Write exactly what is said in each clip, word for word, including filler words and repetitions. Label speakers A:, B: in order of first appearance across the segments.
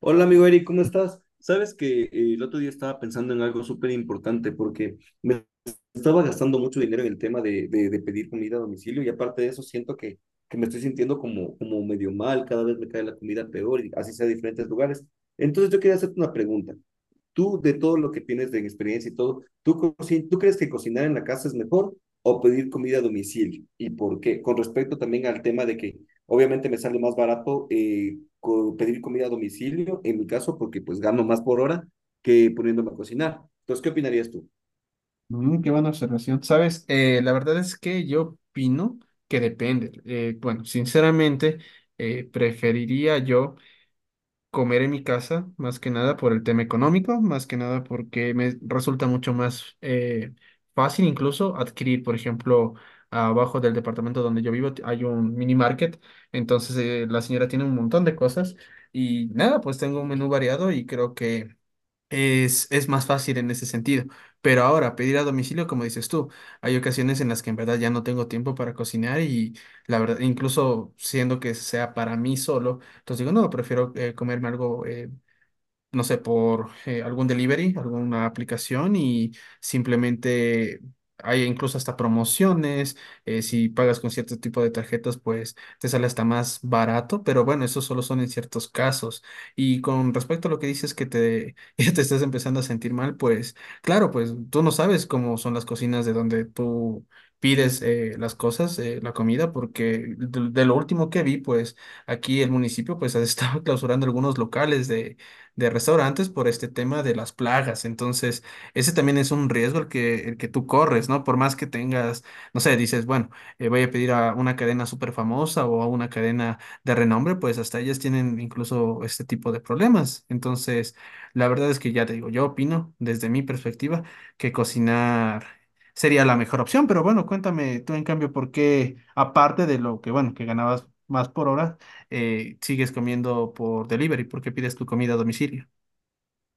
A: Hola amigo Eric, ¿cómo estás? Sabes que eh, el otro día estaba pensando en algo súper importante porque me estaba gastando mucho dinero en el tema de, de, de pedir comida a domicilio y aparte de eso siento que, que me estoy sintiendo como, como medio mal, cada vez me cae la comida peor y así sea de diferentes lugares. Entonces yo quería hacerte una pregunta tú de todo lo que tienes de experiencia y todo, ¿tú, ¿tú crees que cocinar en la casa es mejor o pedir comida a domicilio? ¿Y por qué? Con respecto también al tema de que obviamente me sale más barato eh, co pedir comida a domicilio, en mi caso, porque pues gano más por hora que poniéndome a cocinar. Entonces, ¿qué opinarías tú?
B: Mm, qué buena observación. Sabes, Eh, la verdad es que yo opino que depende. Eh, bueno, sinceramente, eh, preferiría yo comer en mi casa, más que nada por el tema económico, más que nada porque me resulta mucho más eh, fácil incluso adquirir, por ejemplo, abajo del departamento donde yo vivo t- hay un mini market. Entonces eh, la señora tiene un montón de cosas, y nada, pues tengo un menú variado y creo que Es, es más fácil en ese sentido. Pero ahora, pedir a domicilio, como dices tú, hay ocasiones en las que en verdad ya no tengo tiempo para cocinar, y la verdad, incluso siendo que sea para mí solo, entonces digo, no, prefiero eh, comerme algo, eh, no sé, por eh, algún delivery, alguna aplicación, y simplemente hay incluso hasta promociones. eh, si pagas con cierto tipo de tarjetas, pues te sale hasta más barato, pero bueno, eso solo son en ciertos casos. Y con respecto a lo que dices que te, ya te estás empezando a sentir mal, pues claro, pues tú no sabes cómo son las cocinas de donde tú pides eh, las cosas, eh, la comida, porque de de lo último que vi, pues aquí el municipio pues ha estado clausurando algunos locales de, de restaurantes por este tema de las plagas. Entonces, ese también es un riesgo el que, el que tú corres, ¿no? Por más que tengas, no sé, dices, bueno, eh, voy a pedir a una cadena súper famosa o a una cadena de renombre, pues hasta ellas tienen incluso este tipo de problemas. Entonces, la verdad es que ya te digo, yo opino desde mi perspectiva que cocinar sería la mejor opción, pero bueno, cuéntame tú en cambio por qué, aparte de lo que, bueno, que ganabas más por hora, eh, sigues comiendo por delivery porque pides tu comida a domicilio.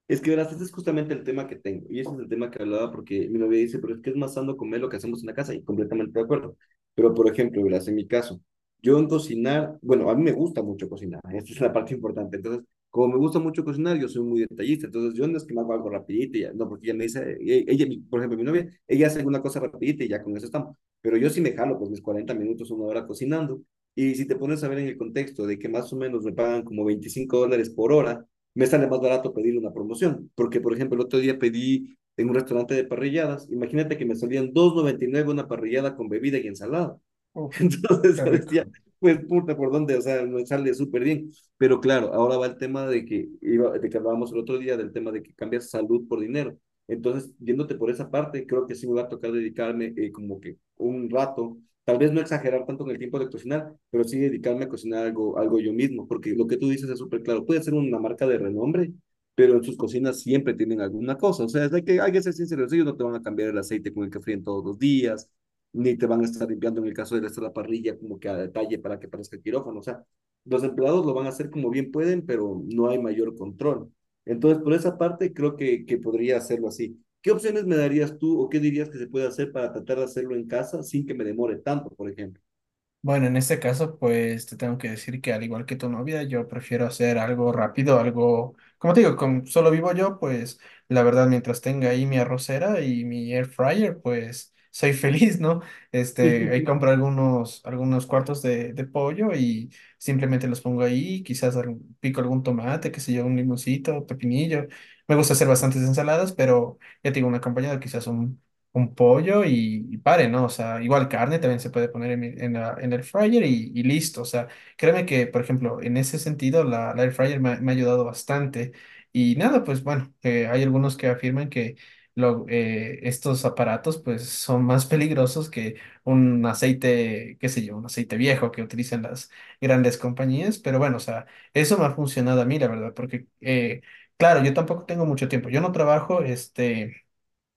A: Es que verás, este es justamente el tema que tengo, y ese es el tema que hablaba porque mi novia dice, pero es que es más sano comer lo que hacemos en la casa, y completamente de acuerdo. Pero, por ejemplo, verás, en mi caso, yo en cocinar, bueno, a mí me gusta mucho cocinar, esta es la parte importante. Entonces, como me gusta mucho cocinar, yo soy muy detallista, entonces yo no es que me hago algo rapidito, y ya, no, porque ella me dice, e- ella, mi- por ejemplo, mi novia, ella hace una cosa rapidita y ya con eso estamos. Pero yo sí me jalo, pues mis cuarenta minutos, una hora cocinando, y si te pones a ver en el contexto de que más o menos me pagan como veinticinco dólares por hora, me sale más barato pedir una promoción, porque por ejemplo el otro día pedí en un restaurante de parrilladas, imagínate que me salían dos noventa y nueve una parrillada con bebida y ensalada.
B: Uf,
A: Entonces
B: qué
A: yo decía,
B: rico.
A: pues puta, ¿por dónde? O sea, me sale súper bien. Pero claro, ahora va el tema de que, iba, de que hablábamos el otro día, del tema de que cambias salud por dinero. Entonces, yéndote por esa parte, creo que sí me va a tocar dedicarme eh, como que un rato, tal vez no exagerar tanto en el tiempo de cocinar, pero sí dedicarme a cocinar algo, algo yo mismo, porque lo que tú dices es súper claro. Puede ser una marca de renombre, pero en sus cocinas siempre tienen alguna cosa. O sea, es de que hay que ser sinceros, ellos no te van a cambiar el aceite con el que fríen todos los días, ni te van a estar limpiando en el caso de estar la parrilla como que a detalle para que parezca el quirófano. O sea, los empleados lo van a hacer como bien pueden, pero no hay mayor control. Entonces, por esa parte, creo que, que podría hacerlo así. ¿Qué opciones me darías tú o qué dirías que se puede hacer para tratar de hacerlo en casa sin que me demore tanto, por ejemplo?
B: Bueno, en este caso, pues te tengo que decir que al igual que tu novia, yo prefiero hacer algo rápido, algo, como te digo, como solo vivo yo, pues la verdad, mientras tenga ahí mi arrocera y mi air fryer, pues soy feliz, ¿no? Este, ahí compro algunos, algunos cuartos de, de pollo, y simplemente los pongo ahí, quizás al- pico algún tomate, qué sé yo, un limoncito, pepinillo. Me gusta hacer bastantes ensaladas, pero ya tengo un acompañado, quizás un pollo y, y pare, ¿no? O sea, igual carne también se puede poner en, mi- en la- en el air fryer, y, y listo. O sea, créeme que, por ejemplo, en ese sentido, la, la air fryer me, ha me ha ayudado bastante. Y nada, pues bueno, eh, hay algunos que afirman que lo- eh, estos aparatos pues son más peligrosos que un aceite, qué sé yo, un aceite viejo que utilizan las grandes compañías. Pero bueno, o sea, eso me ha funcionado a mí, la verdad, porque eh, Claro, yo tampoco tengo mucho tiempo. Yo no trabajo, este,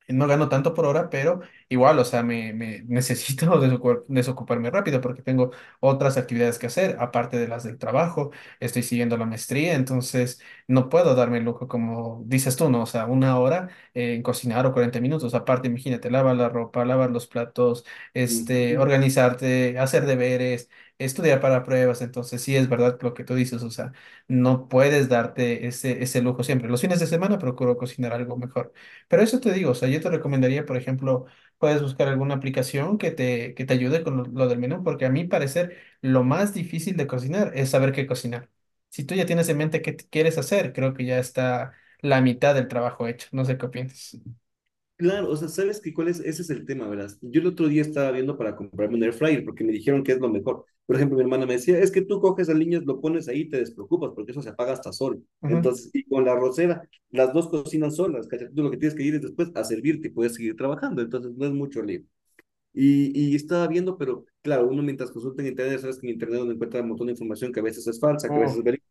B: no gano tanto por hora, pero igual, o sea, me, me necesito desocu- desocuparme rápido porque tengo otras actividades que hacer, aparte de las del trabajo. Estoy siguiendo la maestría, entonces no puedo darme el lujo, como dices tú, ¿no? O sea, una hora eh, en cocinar o cuarenta minutos, aparte, imagínate, lavar la ropa, lavar los platos, este,
A: Ujú.
B: organizarte, hacer deberes, estudiar para pruebas. Entonces sí es verdad lo que tú dices, o sea, no puedes darte ese, ese lujo siempre. Los fines de semana procuro cocinar algo mejor. Pero eso te digo, o sea, yo te recomendaría, por ejemplo, puedes buscar alguna aplicación que te, que te ayude con lo, lo del menú, porque a mi parecer lo más difícil de cocinar es saber qué cocinar. Si tú ya tienes en mente qué t- quieres hacer, creo que ya está la mitad del trabajo hecho. No sé qué opinas.
A: Claro, o sea, ¿sabes qué cuál es? Ese es el tema, ¿verdad? Yo el otro día estaba viendo para comprarme un air fryer porque me dijeron que es lo mejor. Por ejemplo, mi hermana me decía, es que tú coges al niño, lo pones ahí y te despreocupas porque eso se apaga hasta solo.
B: Ujú.
A: Entonces, y con la arrocera, las dos cocinan solas, ¿cachai? Tú lo que tienes que ir es después a servirte y puedes seguir trabajando, entonces no es mucho lío. Y, y estaba viendo, pero claro, uno mientras consulta en internet, sabes que en internet uno encuentra un montón de información que a veces es falsa, que a
B: Uh,
A: veces es verídica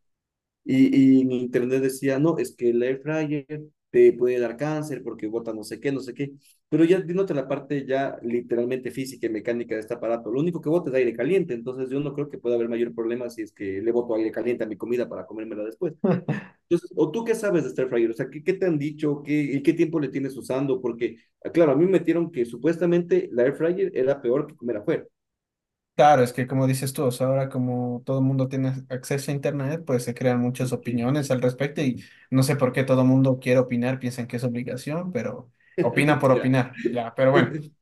A: y, y mi internet decía, no, es que el air fryer te puede dar cáncer porque bota no sé qué, no sé qué. Pero ya dándote la parte ya literalmente física y mecánica de este aparato, lo único que bota es aire caliente, entonces yo no creo que pueda haber mayor problema si es que le boto aire caliente a mi comida para comérmela después. Entonces, ¿o tú qué sabes de este air fryer? O sea, ¿qué, ¿qué te han dicho? ¿Qué, ¿Y qué tiempo le tienes usando? Porque, ah, claro, a mí me metieron que supuestamente la air fryer era peor que comer afuera.
B: claro, es que como dices tú, o sea, ahora como todo el mundo tiene acceso a Internet, pues se crean muchas opiniones al respecto, y no sé por qué todo el mundo quiere opinar, piensan que es obligación, pero opina por
A: Literal.
B: opinar, ya, pero bueno.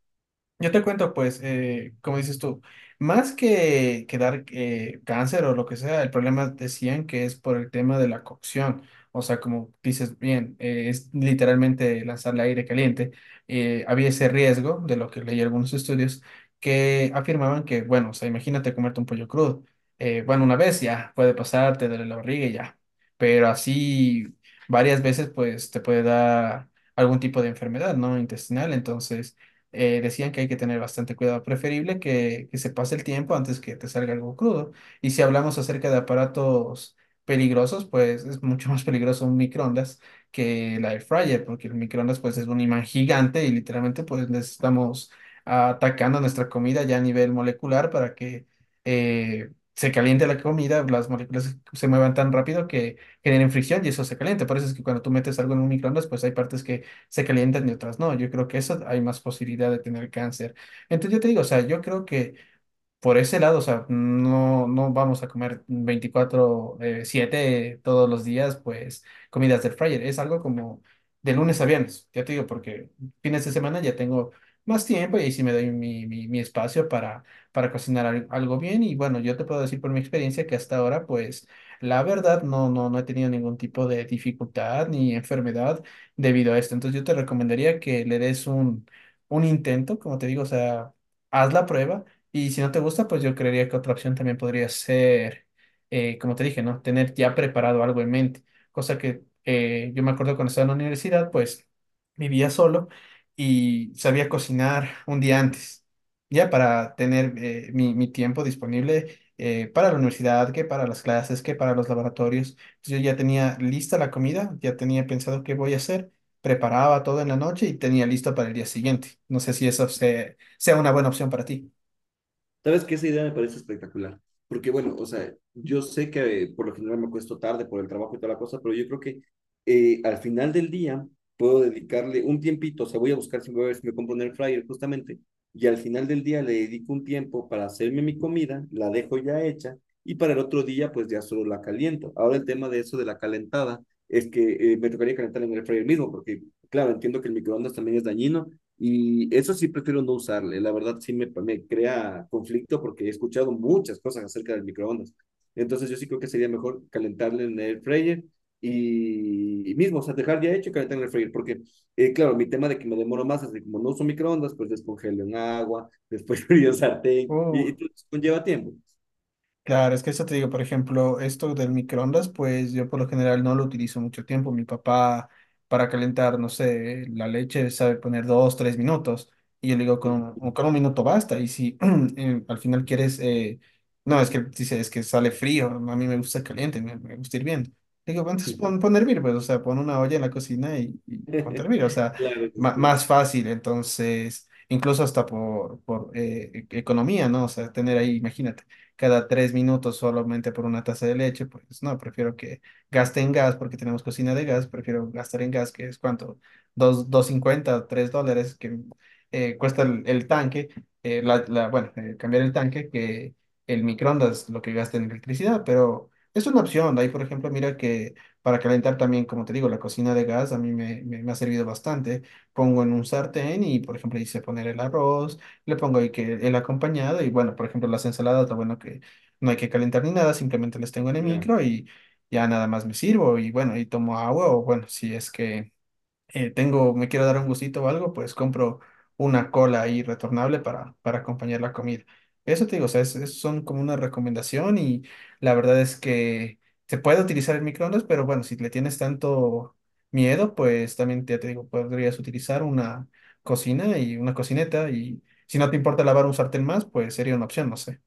B: Yo te cuento, pues, eh, como dices tú, más que, que dar eh, cáncer o lo que sea, el problema decían que es por el tema de la cocción. O sea, como dices bien, eh, es literalmente lanzarle aire caliente. Eh, había ese riesgo, de lo que leí algunos estudios, que afirmaban que, bueno, o sea, imagínate comerte un pollo crudo. Eh, bueno, una vez ya puede pasar, te duele la barriga y ya. Pero así varias veces, pues, te puede dar algún tipo de enfermedad, ¿no? Intestinal. Entonces eh, decían que hay que tener bastante cuidado, preferible que, que se pase el tiempo antes que te salga algo crudo. Y si hablamos acerca de aparatos peligrosos, pues es mucho más peligroso un microondas que la air fryer, porque el microondas pues es un imán gigante, y literalmente pues les estamos atacando nuestra comida ya a nivel molecular, para que eh, se caliente la comida, las moléculas se muevan tan rápido que generen fricción, y eso se calienta. Por eso es que cuando tú metes algo en un microondas, pues hay partes que se calientan y otras no. Yo creo que eso hay más posibilidad de tener cáncer. Entonces yo te digo, o sea, yo creo que por ese lado, o sea, no, no vamos a comer veinticuatro eh, siete todos los días, pues comidas del fryer. Es algo como de lunes a viernes, ya te digo, porque fines de semana ya tengo más tiempo, y ahí sí me doy mi, mi, mi espacio para, para cocinar al- algo bien. Y bueno, yo te puedo decir por mi experiencia que hasta ahora, pues la verdad, no, no, no he tenido ningún tipo de dificultad ni enfermedad debido a esto. Entonces yo te recomendaría que le des un, un intento, como te digo, o sea, haz la prueba. Y si no te gusta, pues yo creería que otra opción también podría ser, eh, como te dije, ¿no? Tener ya preparado algo en mente. Cosa que eh, yo me acuerdo cuando estaba en la universidad, pues vivía solo y sabía cocinar un día antes, ya para tener eh, mi, mi tiempo disponible eh, para la universidad, que para las clases, que para los laboratorios. Entonces, yo ya tenía lista la comida, ya tenía pensado qué voy a hacer, preparaba todo en la noche y tenía listo para el día siguiente. No sé si eso se- sea una buena opción para ti.
A: Sabes que esa idea me parece espectacular, porque bueno, o sea, yo sé que eh, por lo general me acuesto tarde por el trabajo y toda la cosa, pero yo creo que eh, al final del día puedo dedicarle un tiempito, o sea, voy a buscar si me, voy a ver si me compro un air fryer justamente, y al final del día le dedico un tiempo para hacerme mi comida, la dejo ya hecha, y para el otro día pues ya solo la caliento. Ahora el tema de eso de la calentada es que eh, me tocaría calentar en el air fryer mismo, porque claro, entiendo que el microondas también es dañino, y eso sí prefiero no usarle. La verdad sí me, me crea conflicto porque he escuchado muchas cosas acerca del microondas. Entonces yo sí creo que sería mejor calentarle en el fryer y, y mismo, o sea, dejar ya hecho y calentar en el freír, porque, eh, claro, mi tema de que me demoro más, así como no uso microondas, pues descongelo en agua, después frío sartén,
B: Uh,
A: y, y todo eso conlleva tiempo.
B: claro, es que eso te digo, por ejemplo, esto del microondas, pues yo por lo general no lo utilizo mucho tiempo. Mi papá para calentar, no sé, la leche sabe poner dos, tres minutos. Y yo le digo, con un, con un minuto basta. Y si eh, al final quieres, eh, no, es que dice, es que sale frío, a mí me gusta caliente, me, me gusta hirviendo. Le digo, entonces pon, pon a hervir, pues, o sea, pon una olla en la cocina, y, y ponte a hervir. O sea,
A: Claro que
B: ma-
A: sí,
B: más fácil, entonces incluso hasta por, por eh, e- economía, ¿no? O sea, tener ahí, imagínate, cada tres minutos solamente por una taza de leche, pues no, prefiero que gaste en gas porque tenemos cocina de gas, prefiero gastar en gas, que es cuánto, dos, dos cincuenta, tres dólares que eh, cuesta el, el tanque. Eh, la, la- bueno, eh, cambiar el tanque, que el microondas lo que gasta en electricidad, pero es una opción. De ahí, por ejemplo, mira que para calentar también, como te digo, la cocina de gas a mí me, me, me ha servido bastante. Pongo en un sartén y, por ejemplo, hice poner el arroz, le pongo ahí que el acompañado y bueno, por ejemplo, las ensaladas, lo bueno que no hay que calentar ni nada, simplemente las tengo en el
A: claro.
B: micro y ya nada más me sirvo y bueno, y tomo agua o bueno, si es que eh, tengo, me quiero dar un gustito o algo, pues compro una cola ahí retornable para, para acompañar la comida. Eso te digo, o sea, es- es- son como una recomendación. Y la verdad es que se puede utilizar el microondas, pero bueno, si le tienes tanto miedo, pues también ya te digo, podrías utilizar una cocina y una cocineta. Y si no te importa lavar un sartén más, pues sería una opción, no sé.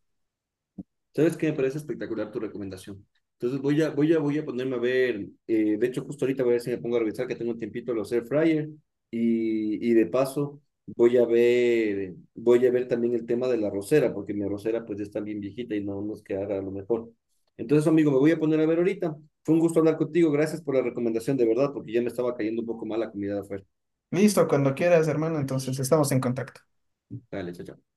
A: ¿Sabes qué? Me parece espectacular tu recomendación. Entonces voy a, voy a, voy a ponerme a ver, eh, de hecho justo ahorita voy a ver si me pongo a revisar que tengo un tiempito los air fryer y, y de paso voy a ver, voy a ver también el tema de la rosera, porque mi rosera pues ya está bien viejita y no nos quedará a lo mejor. Entonces, amigo, me voy a poner a ver ahorita. Fue un gusto hablar contigo. Gracias por la recomendación, de verdad, porque ya me estaba cayendo un poco mal la comida de afuera.
B: Listo, cuando quieras, hermano, entonces estamos en contacto.
A: Dale, chao, chao.